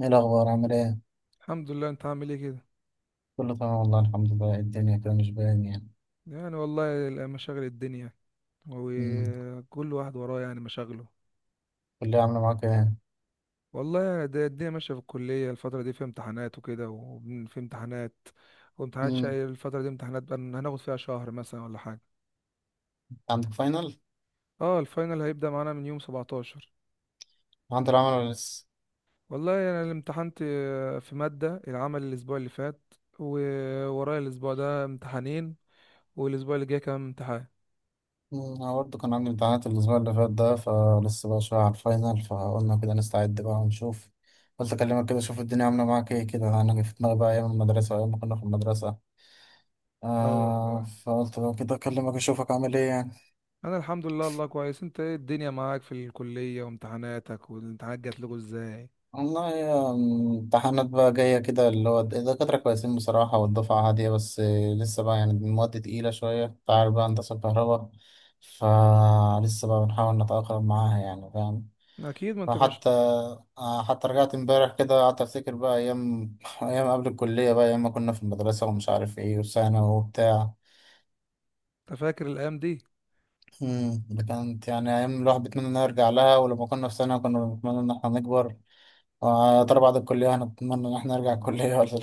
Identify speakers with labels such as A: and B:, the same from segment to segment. A: ايه الأخبار؟ عامل ايه؟
B: الحمد لله. انت عامل ايه كده؟
A: كله تمام والله، الحمد لله. إيه الدنيا كده مش باين يعني.
B: يعني والله مشاغل الدنيا،
A: امم
B: وكل واحد وراه يعني مشاغله.
A: كلية عاملة معاك ايه؟
B: والله يعني الدنيا ماشيه في الكليه، الفتره دي في امتحانات وكده، وفي امتحانات وامتحانات
A: امم
B: شقي الفتره دي. امتحانات بقى هناخد فيها شهر مثلا ولا حاجه.
A: عندك فاينل؟
B: اه، الفاينل هيبدا معانا من يوم 17.
A: عندي العمل ولا لسه؟
B: والله انا يعني امتحنت في ماده العمل الاسبوع اللي فات، وورايا الاسبوع ده امتحانين، والاسبوع اللي جاي كمان امتحان.
A: أنا برضه كان عندي امتحانات الأسبوع اللي فات ده، فلسه بقى شوية على الفاينل، فقلنا كده نستعد بقى ونشوف. قلت أكلمك كده أشوف الدنيا عاملة معاك ايه كده، أنا جه في دماغي بقى أيام المدرسة وأيام ما كنا في المدرسة.
B: اه
A: آه،
B: والله،
A: فقلت بقى كده أكلمك أشوفك عامل ايه يعني.
B: انا الحمد لله الله كويس. انت ايه الدنيا معاك في الكلية وامتحاناتك، والامتحانات جات لكم ازاي؟
A: والله يا امتحانات بقى جاية كده، اللي هو الدكاترة كويسين بصراحة والدفعة هادية، بس لسه بقى يعني المواد تقيلة شوية، أنت عارف بقى هندسة الكهرباء، فلسه بقى بنحاول نتأقلم معاها يعني، فاهم.
B: اكيد، ما انت مش
A: فحتى حتى رجعت امبارح كده قعدت أفتكر بقى أيام قبل الكلية بقى، أيام ما كنا في المدرسة ومش عارف إيه، وثانوي وبتاع.
B: أنت فاكر الايام دي؟
A: ده كانت يعني أيام الواحد بيتمنى إنه يرجع لها، ولما كنا في ثانوي كنا بنتمنى إن إحنا نكبر، ويا ترى بعد الكلية هنتمنى إن إحنا نرجع الكلية ولا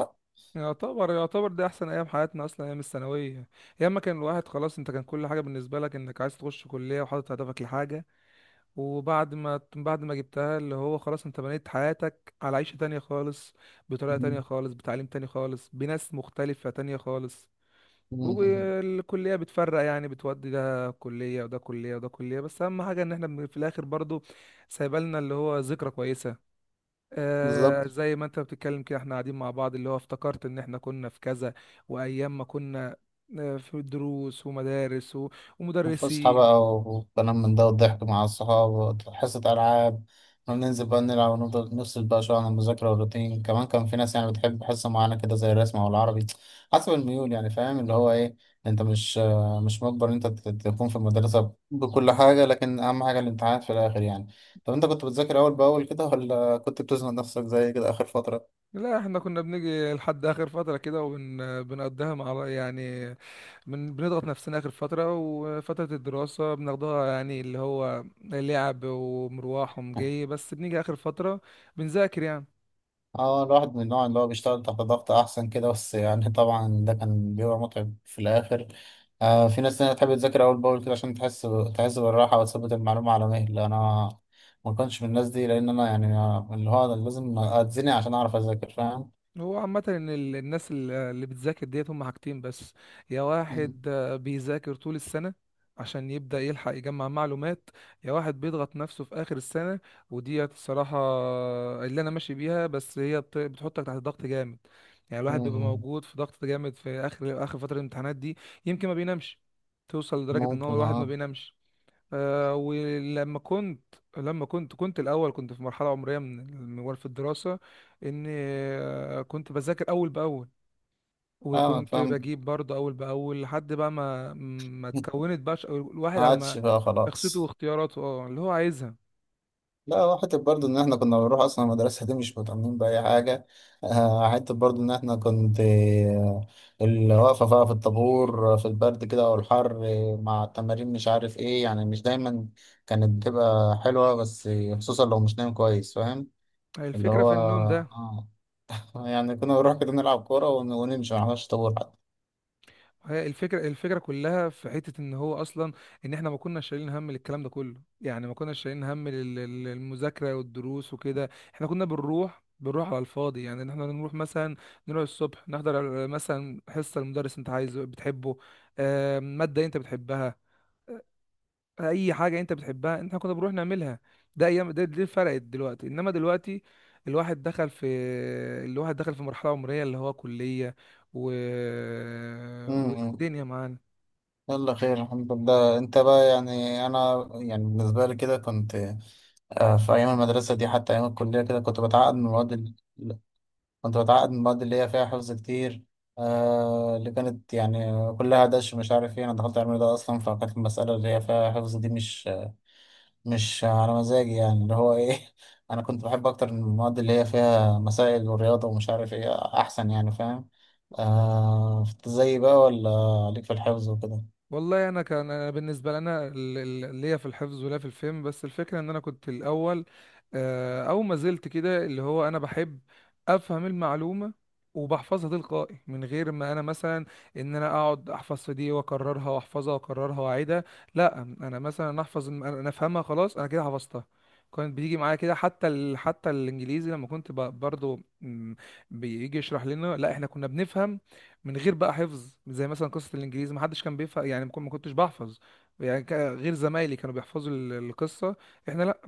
B: يعتبر يعتبر دي احسن ايام حياتنا اصلا، ايام الثانويه. ايام ما كان الواحد خلاص، انت كان كل حاجه بالنسبه لك انك عايز تخش كليه، وحاطط هدفك لحاجه. وبعد ما جبتها، اللي هو خلاص انت بنيت حياتك على عيشه تانية خالص، بطريقه
A: لأ.
B: تانية خالص، بتعليم تاني خالص، بناس مختلفه تانية خالص.
A: مم.
B: والكلية بتفرق يعني، بتودي ده كلية وده كلية وده كلية، بس أهم حاجة إن احنا في الآخر برضو سايبالنا اللي هو ذكرى كويسة. آه،
A: بالظبط.
B: زي ما أنت بتتكلم كده احنا قاعدين مع بعض اللي هو افتكرت إن احنا كنا في كذا، وأيام ما كنا في دروس ومدارس
A: فسحة بقى
B: ومدرسين.
A: وكلام من ده، والضحك مع الصحاب، حصة ألعاب، وننزل بقى نلعب ونفضل نفصل بقى شوية عن المذاكرة والروتين. كمان كان في ناس يعني بتحب حصة معينة كده زي الرسم أو العربي، حسب الميول يعني، فاهم اللي هو إيه. أنت مش مجبر إن أنت تكون في المدرسة بكل حاجة، لكن أهم حاجة الامتحانات في الآخر يعني. طب أنت كنت بتذاكر أول بأول كده ولا كنت بتزنق نفسك زي كده آخر فترة؟
B: لا، احنا كنا بنيجي لحد آخر فترة كده وبنقضيها مع بعض يعني، من بنضغط نفسنا آخر فترة، وفترة الدراسة بناخدها يعني اللي هو لعب ومروح ومجي، بس بنيجي آخر فترة بنذاكر يعني.
A: اه، الواحد من النوع اللي هو بيشتغل تحت ضغط احسن كده، بس يعني طبعا ده كان بيبقى متعب في الاخر. آه، في ناس تانية تحب تذاكر اول باول كده عشان تحس بالراحه وتثبت المعلومه على مهل. انا ما كنتش من الناس دي، لان انا يعني اللي هو أنا لازم اتزنق عشان اعرف اذاكر، فاهم.
B: هو عامة إن الناس اللي بتذاكر ديت هم حاجتين بس. يا
A: مم.
B: واحد بيذاكر طول السنة عشان يبدأ يلحق يجمع معلومات، يا واحد بيضغط نفسه في آخر السنة. وديت الصراحة اللي أنا ماشي بيها، بس هي بتحطك تحت ضغط جامد. يعني الواحد بيبقى
A: مم.
B: موجود في ضغط جامد في آخر آخر فترة الامتحانات دي. يمكن ما بينامش، توصل لدرجة إن هو
A: ممكن،
B: الواحد ما
A: اه.
B: بينامش. آه، ولما كنت لما كنت كنت الاول كنت في مرحله عمريه من الموال في الدراسه، ان كنت بذاكر اول باول،
A: فاهمك،
B: وكنت
A: فاهم.
B: بجيب برضه اول باول، لحد بقى ما اتكونت بقى الواحد
A: ما
B: على
A: عادش
B: ما
A: بقى
B: شخصيته
A: خلاص.
B: واختياراته، اه اللي هو عايزها.
A: لا، هو حتة برضه إن إحنا كنا بنروح أصلا المدرسة دي مش مهتمين بأي حاجة. آه، حتة برضه إن إحنا كنت، اللي واقفة بقى في الطابور، في البرد كده والحر، مع التمارين مش عارف إيه يعني، مش دايما كانت بتبقى حلوة، بس خصوصا لو مش نايم كويس، فاهم اللي
B: الفكره
A: هو
B: في النوم ده.
A: آه. يعني كنا بنروح كده نلعب كورة ونمشي، ما نعملش طابور حتى.
B: هي الفكرة، الفكرة كلها في حتة ان هو اصلا ان احنا ما كناش شايلين هم للكلام ده كله. يعني ما كناش شايلين هم للمذاكرة والدروس وكده. احنا كنا بنروح على الفاضي يعني، ان احنا نروح مثلا نروح الصبح نحضر مثلا حصة المدرس انت عايزه بتحبه. مادة انت بتحبها، اي حاجة انت بتحبها احنا كنا بنروح نعملها. ده ايام ده دي فرقت دلوقتي. انما دلوقتي الواحد دخل في، الواحد دخل في مرحلة عمرية اللي هو كلية و...
A: م- م.
B: ودنيا معانا.
A: يلا خير الحمد لله. أنت بقى يعني، أنا يعني بالنسبة لي كده كنت، في أيام المدرسة دي حتى أيام الكلية كده، كنت بتعقد من المواد اللي هي فيها حفظ كتير. آه، اللي كانت يعني كلها دش مش عارف ايه، أنا دخلت علم ده أصلا، فكانت المسألة اللي هي فيها حفظ دي مش على مزاجي يعني، اللي هو ايه. أنا كنت بحب أكتر المواد اللي هي فيها مسائل ورياضة ومش عارف ايه، أحسن يعني، فاهم. آه، زي بقى ولا عليك في الحفظ وكده.
B: والله انا كان أنا بالنسبه لنا ليا في الحفظ ولا في الفهم، بس الفكره ان انا كنت الاول او ما زلت كده اللي هو انا بحب افهم المعلومه وبحفظها تلقائي، من غير ما انا مثلا ان انا اقعد احفظ في دي واكررها واحفظها واكررها واعيدها. لا، انا مثلا احفظ انا افهمها خلاص انا كده حفظتها. كانت بتيجي معايا كده، حتى الانجليزي لما كنت برضو بيجي يشرح لنا، لا احنا كنا بنفهم من غير بقى حفظ. زي مثلا قصة الإنجليزي، ما حدش كان بيفهم يعني، ما كنتش بحفظ يعني، غير زمايلي كانوا بيحفظوا القصة. احنا لا،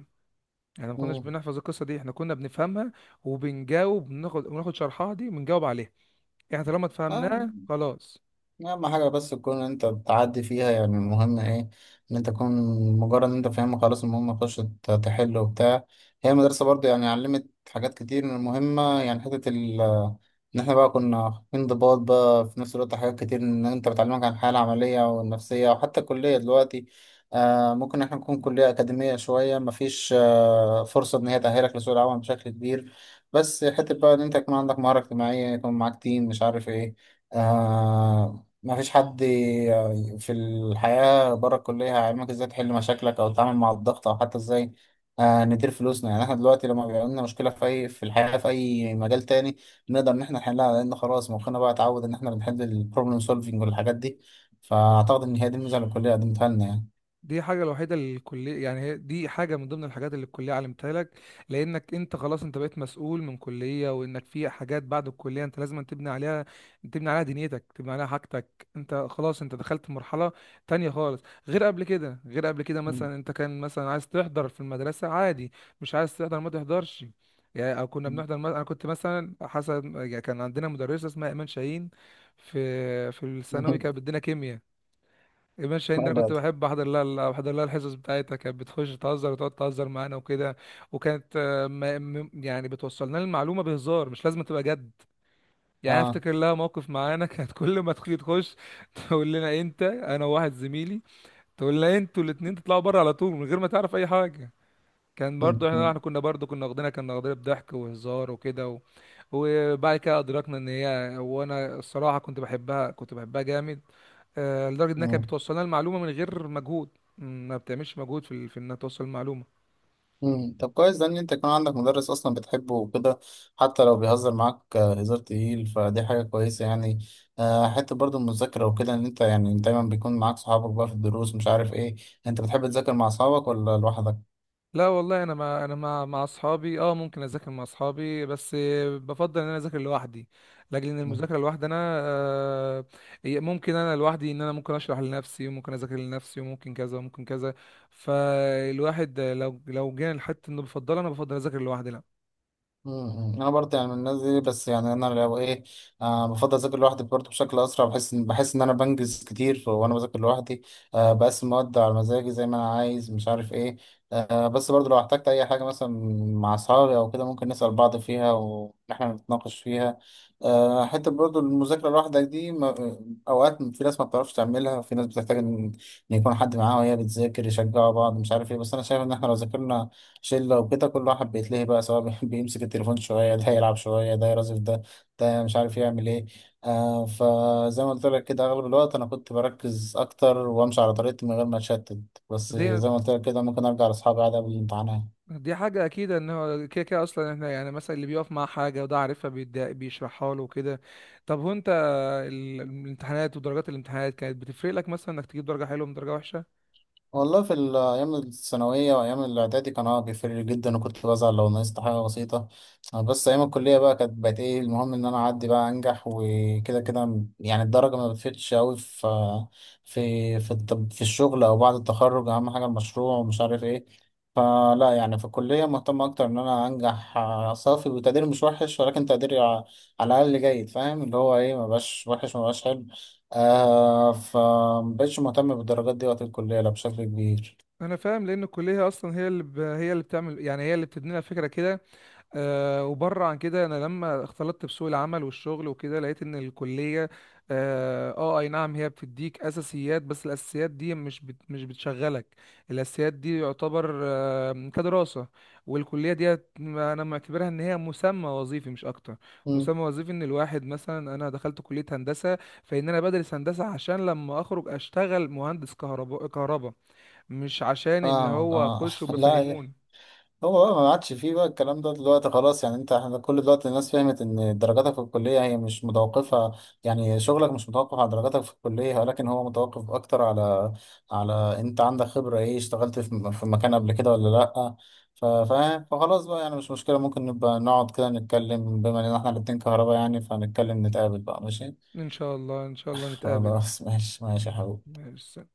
B: احنا ما كناش بنحفظ القصة دي، احنا كنا بنفهمها وبنجاوب. بناخد شرحها دي بنجاوب عليها، احنا طالما اتفهمناها
A: مم.
B: خلاص.
A: اهم حاجه بس تكون انت بتعدي فيها يعني. المهم ايه؟ ان انت تكون، مجرد ان انت فاهمها خلاص، المهم تخش تحل وبتاع. هي المدرسه برضو يعني علمت حاجات كتير من المهمه يعني، حته ان احنا بقى كنا في انضباط بقى. في نفس الوقت حاجات كتير ان انت بتعلمك عن الحياه العمليه والنفسيه. وحتى الكليه دلوقتي، آه، ممكن احنا نكون كليه اكاديميه شويه، مفيش آه فرصه ان هي تاهلك لسوق العمل بشكل كبير، بس حته بقى ان انت يكون عندك مهاره اجتماعيه، يكون معاك تيم مش عارف ايه. آه، ما فيش حد في الحياة بره الكلية هيعلمك ازاي تحل مشاكلك أو تتعامل مع الضغط أو حتى ازاي، ندير فلوسنا. يعني احنا دلوقتي لما بيبقى لنا مشكلة في أي، في الحياة في أي مجال تاني، بنقدر إن احنا نحلها، لأن خلاص مخنا بقى اتعود إن احنا بنحل البروبلم سولفينج والحاجات دي. فأعتقد إن هي دي الميزة اللي الكلية قدمتها لنا يعني.
B: دي حاجة الوحيدة اللي الكلية يعني، هي دي حاجة من ضمن الحاجات اللي الكلية علمتها لك. لأنك أنت خلاص أنت بقيت مسؤول من كلية، وإنك في حاجات بعد الكلية أنت لازم تبني عليها، تبني عليها دنيتك، تبني عليها حاجتك. أنت خلاص أنت دخلت مرحلة تانية خالص، غير قبل كده غير قبل كده. مثلا أنت كان مثلا عايز تحضر في المدرسة عادي، مش عايز تحضر ما تحضرش يعني. أو كنا بنحضر مثلا، أنا كنت مثلا حسب يعني، كان عندنا مدرسة اسمها إيمان شاهين في في الثانوي، كانت بتدينا كيمياء. ماشي هند،
A: لا،
B: انا
A: لا
B: كنت
A: دي.
B: بحب احضر لها، احضر لها الحصص بتاعتها. كانت بتخش تهزر وتقعد تهزر معانا وكده، وكانت يعني بتوصلنا المعلومه بهزار، مش لازم تبقى جد يعني. أنا
A: اه.
B: افتكر لها موقف معانا كانت كل ما تخلي تخش تقول لنا انت، انا وواحد زميلي، تقول لنا انتوا الاتنين تطلعوا بره على طول من غير ما تعرف اي حاجه. كان برضو احنا، احنا كنا واخدينها بضحك وهزار وكده. وبعد كده ادركنا ان هي، وانا الصراحه كنت بحبها، كنت بحبها جامد. لدرجه انها كانت بتوصلنا المعلومه من غير مجهود. ما بتعملش مجهود في انها توصل المعلومه.
A: طب كويس ده ان انت يكون عندك مدرس اصلا بتحبه وكده، حتى لو بيهزر معاك هزار تقيل، فدي حاجه كويسه يعني. حته برضو المذاكره وكده، ان انت يعني دايما بيكون معاك صحابك بقى في الدروس مش عارف ايه. انت بتحب تذاكر مع اصحابك ولا لوحدك؟
B: لا والله انا مع، انا مع اصحابي اه ممكن اذاكر مع اصحابي، بس بفضل ان انا اذاكر لوحدي، لاجل ان المذاكره لوحدي انا، آه، هي ممكن انا لوحدي، ان انا ممكن اشرح لنفسي وممكن اذاكر لنفسي وممكن كذا وممكن كذا. فالواحد لو جينا لحته انه بفضل انا بفضل اذاكر لوحدي. لا
A: انا برضه يعني من الناس دي، بس يعني انا لو ايه، آه، بفضل اذاكر لوحدي برضه بشكل اسرع. بحس ان انا بنجز كتير وانا بذاكر لوحدي. آه، بقسم المواد على مزاجي زي ما انا عايز مش عارف ايه. آه، بس برضه لو احتجت اي حاجه مثلا مع اصحابي او كده ممكن نسال بعض فيها واحنا نتناقش فيها. آه، حته برضه المذاكره لوحدك دي، ما اوقات في ناس ما بتعرفش تعملها، في ناس بتحتاج ان يكون حد معاها وهي بتذاكر يشجعوا بعض مش عارف ايه. بس انا شايف ان احنا لو ذاكرنا شلة وكده كل واحد بيتلهي بقى، سواء بيمسك التليفون شوية، ده يلعب شوية، ده يرازف ده، ده مش عارف يعمل ايه. آه، فزي ما قلت لك كده، أغلب الوقت أنا كنت بركز أكتر وأمشي على طريقتي من غير ما أتشتت. بس
B: دي،
A: زي ما قلت لك كده، ممكن أرجع لأصحابي عادي قبل الامتحانات.
B: دي حاجة أكيد إن هو كده كده أصلا، إحنا يعني مثلا اللي بيقف مع حاجة وده عارفها بيشرحها له وكده. طب هو أنت، الامتحانات ودرجات الامتحانات كانت بتفرق لك مثلا إنك تجيب درجة حلوة من درجة وحشة؟
A: أيام الثانوية وأيام الإعدادي كان اه بيفرق جدا، وكنت بزعل لو نقصت حاجة بسيطة. بس أيام الكلية بقى كانت بقت إيه المهم إن أنا أعدي بقى أنجح وكده كده يعني. الدرجة ما بتفرقش أوي في، في الشغل أو بعد التخرج أهم حاجة المشروع ومش عارف إيه. فلا يعني في الكلية مهتم أكتر إن أنا أنجح، صافي، وتقدير مش وحش، ولكن تقديري على الأقل جيد، فاهم اللي هو إيه، مبقاش وحش مبقاش حلو. آه، فمبقتش مهتم بالدرجات دي وقت الكلية لا بشكل كبير.
B: أنا فاهم، لأن الكلية أصلا هي هي اللي بتعمل يعني، هي اللي بتدينا فكرة كده. وبره عن كده، انا لما اختلطت بسوق العمل والشغل وكده لقيت ان الكليه، اي نعم هي بتديك اساسيات، بس الاساسيات دي مش بتشغلك. الاساسيات دي يعتبر كدراسه، والكليه دي انا معتبرها ان هي مسمى وظيفي مش اكتر.
A: مم.
B: مسمى وظيفي، ان الواحد مثلا انا دخلت كليه هندسه، فان انا بدرس هندسه عشان لما اخرج اشتغل مهندس كهرباء كهرباء، مش عشان اللي
A: اه.
B: هو
A: اه.
B: اخش
A: لا،
B: وبفهموني.
A: هو بقى ما عادش فيه بقى الكلام ده دلوقتي خلاص يعني. انت، احنا كل دلوقتي الناس فهمت ان درجاتك في الكلية هي مش متوقفة، يعني شغلك مش متوقف على درجاتك في الكلية، ولكن هو متوقف اكتر على، على انت عندك خبرة ايه، اشتغلت في مكان قبل كده ولا لا. فاهم. فخلاص بقى يعني، مش مشكلة، ممكن نبقى نقعد كده نتكلم، بما ان احنا الاتنين كهرباء يعني، فنتكلم، نتقابل بقى ماشي.
B: ان شاء الله ان شاء الله نتقابل
A: خلاص ماشي، ماشي يا حبيبي.
B: مارس.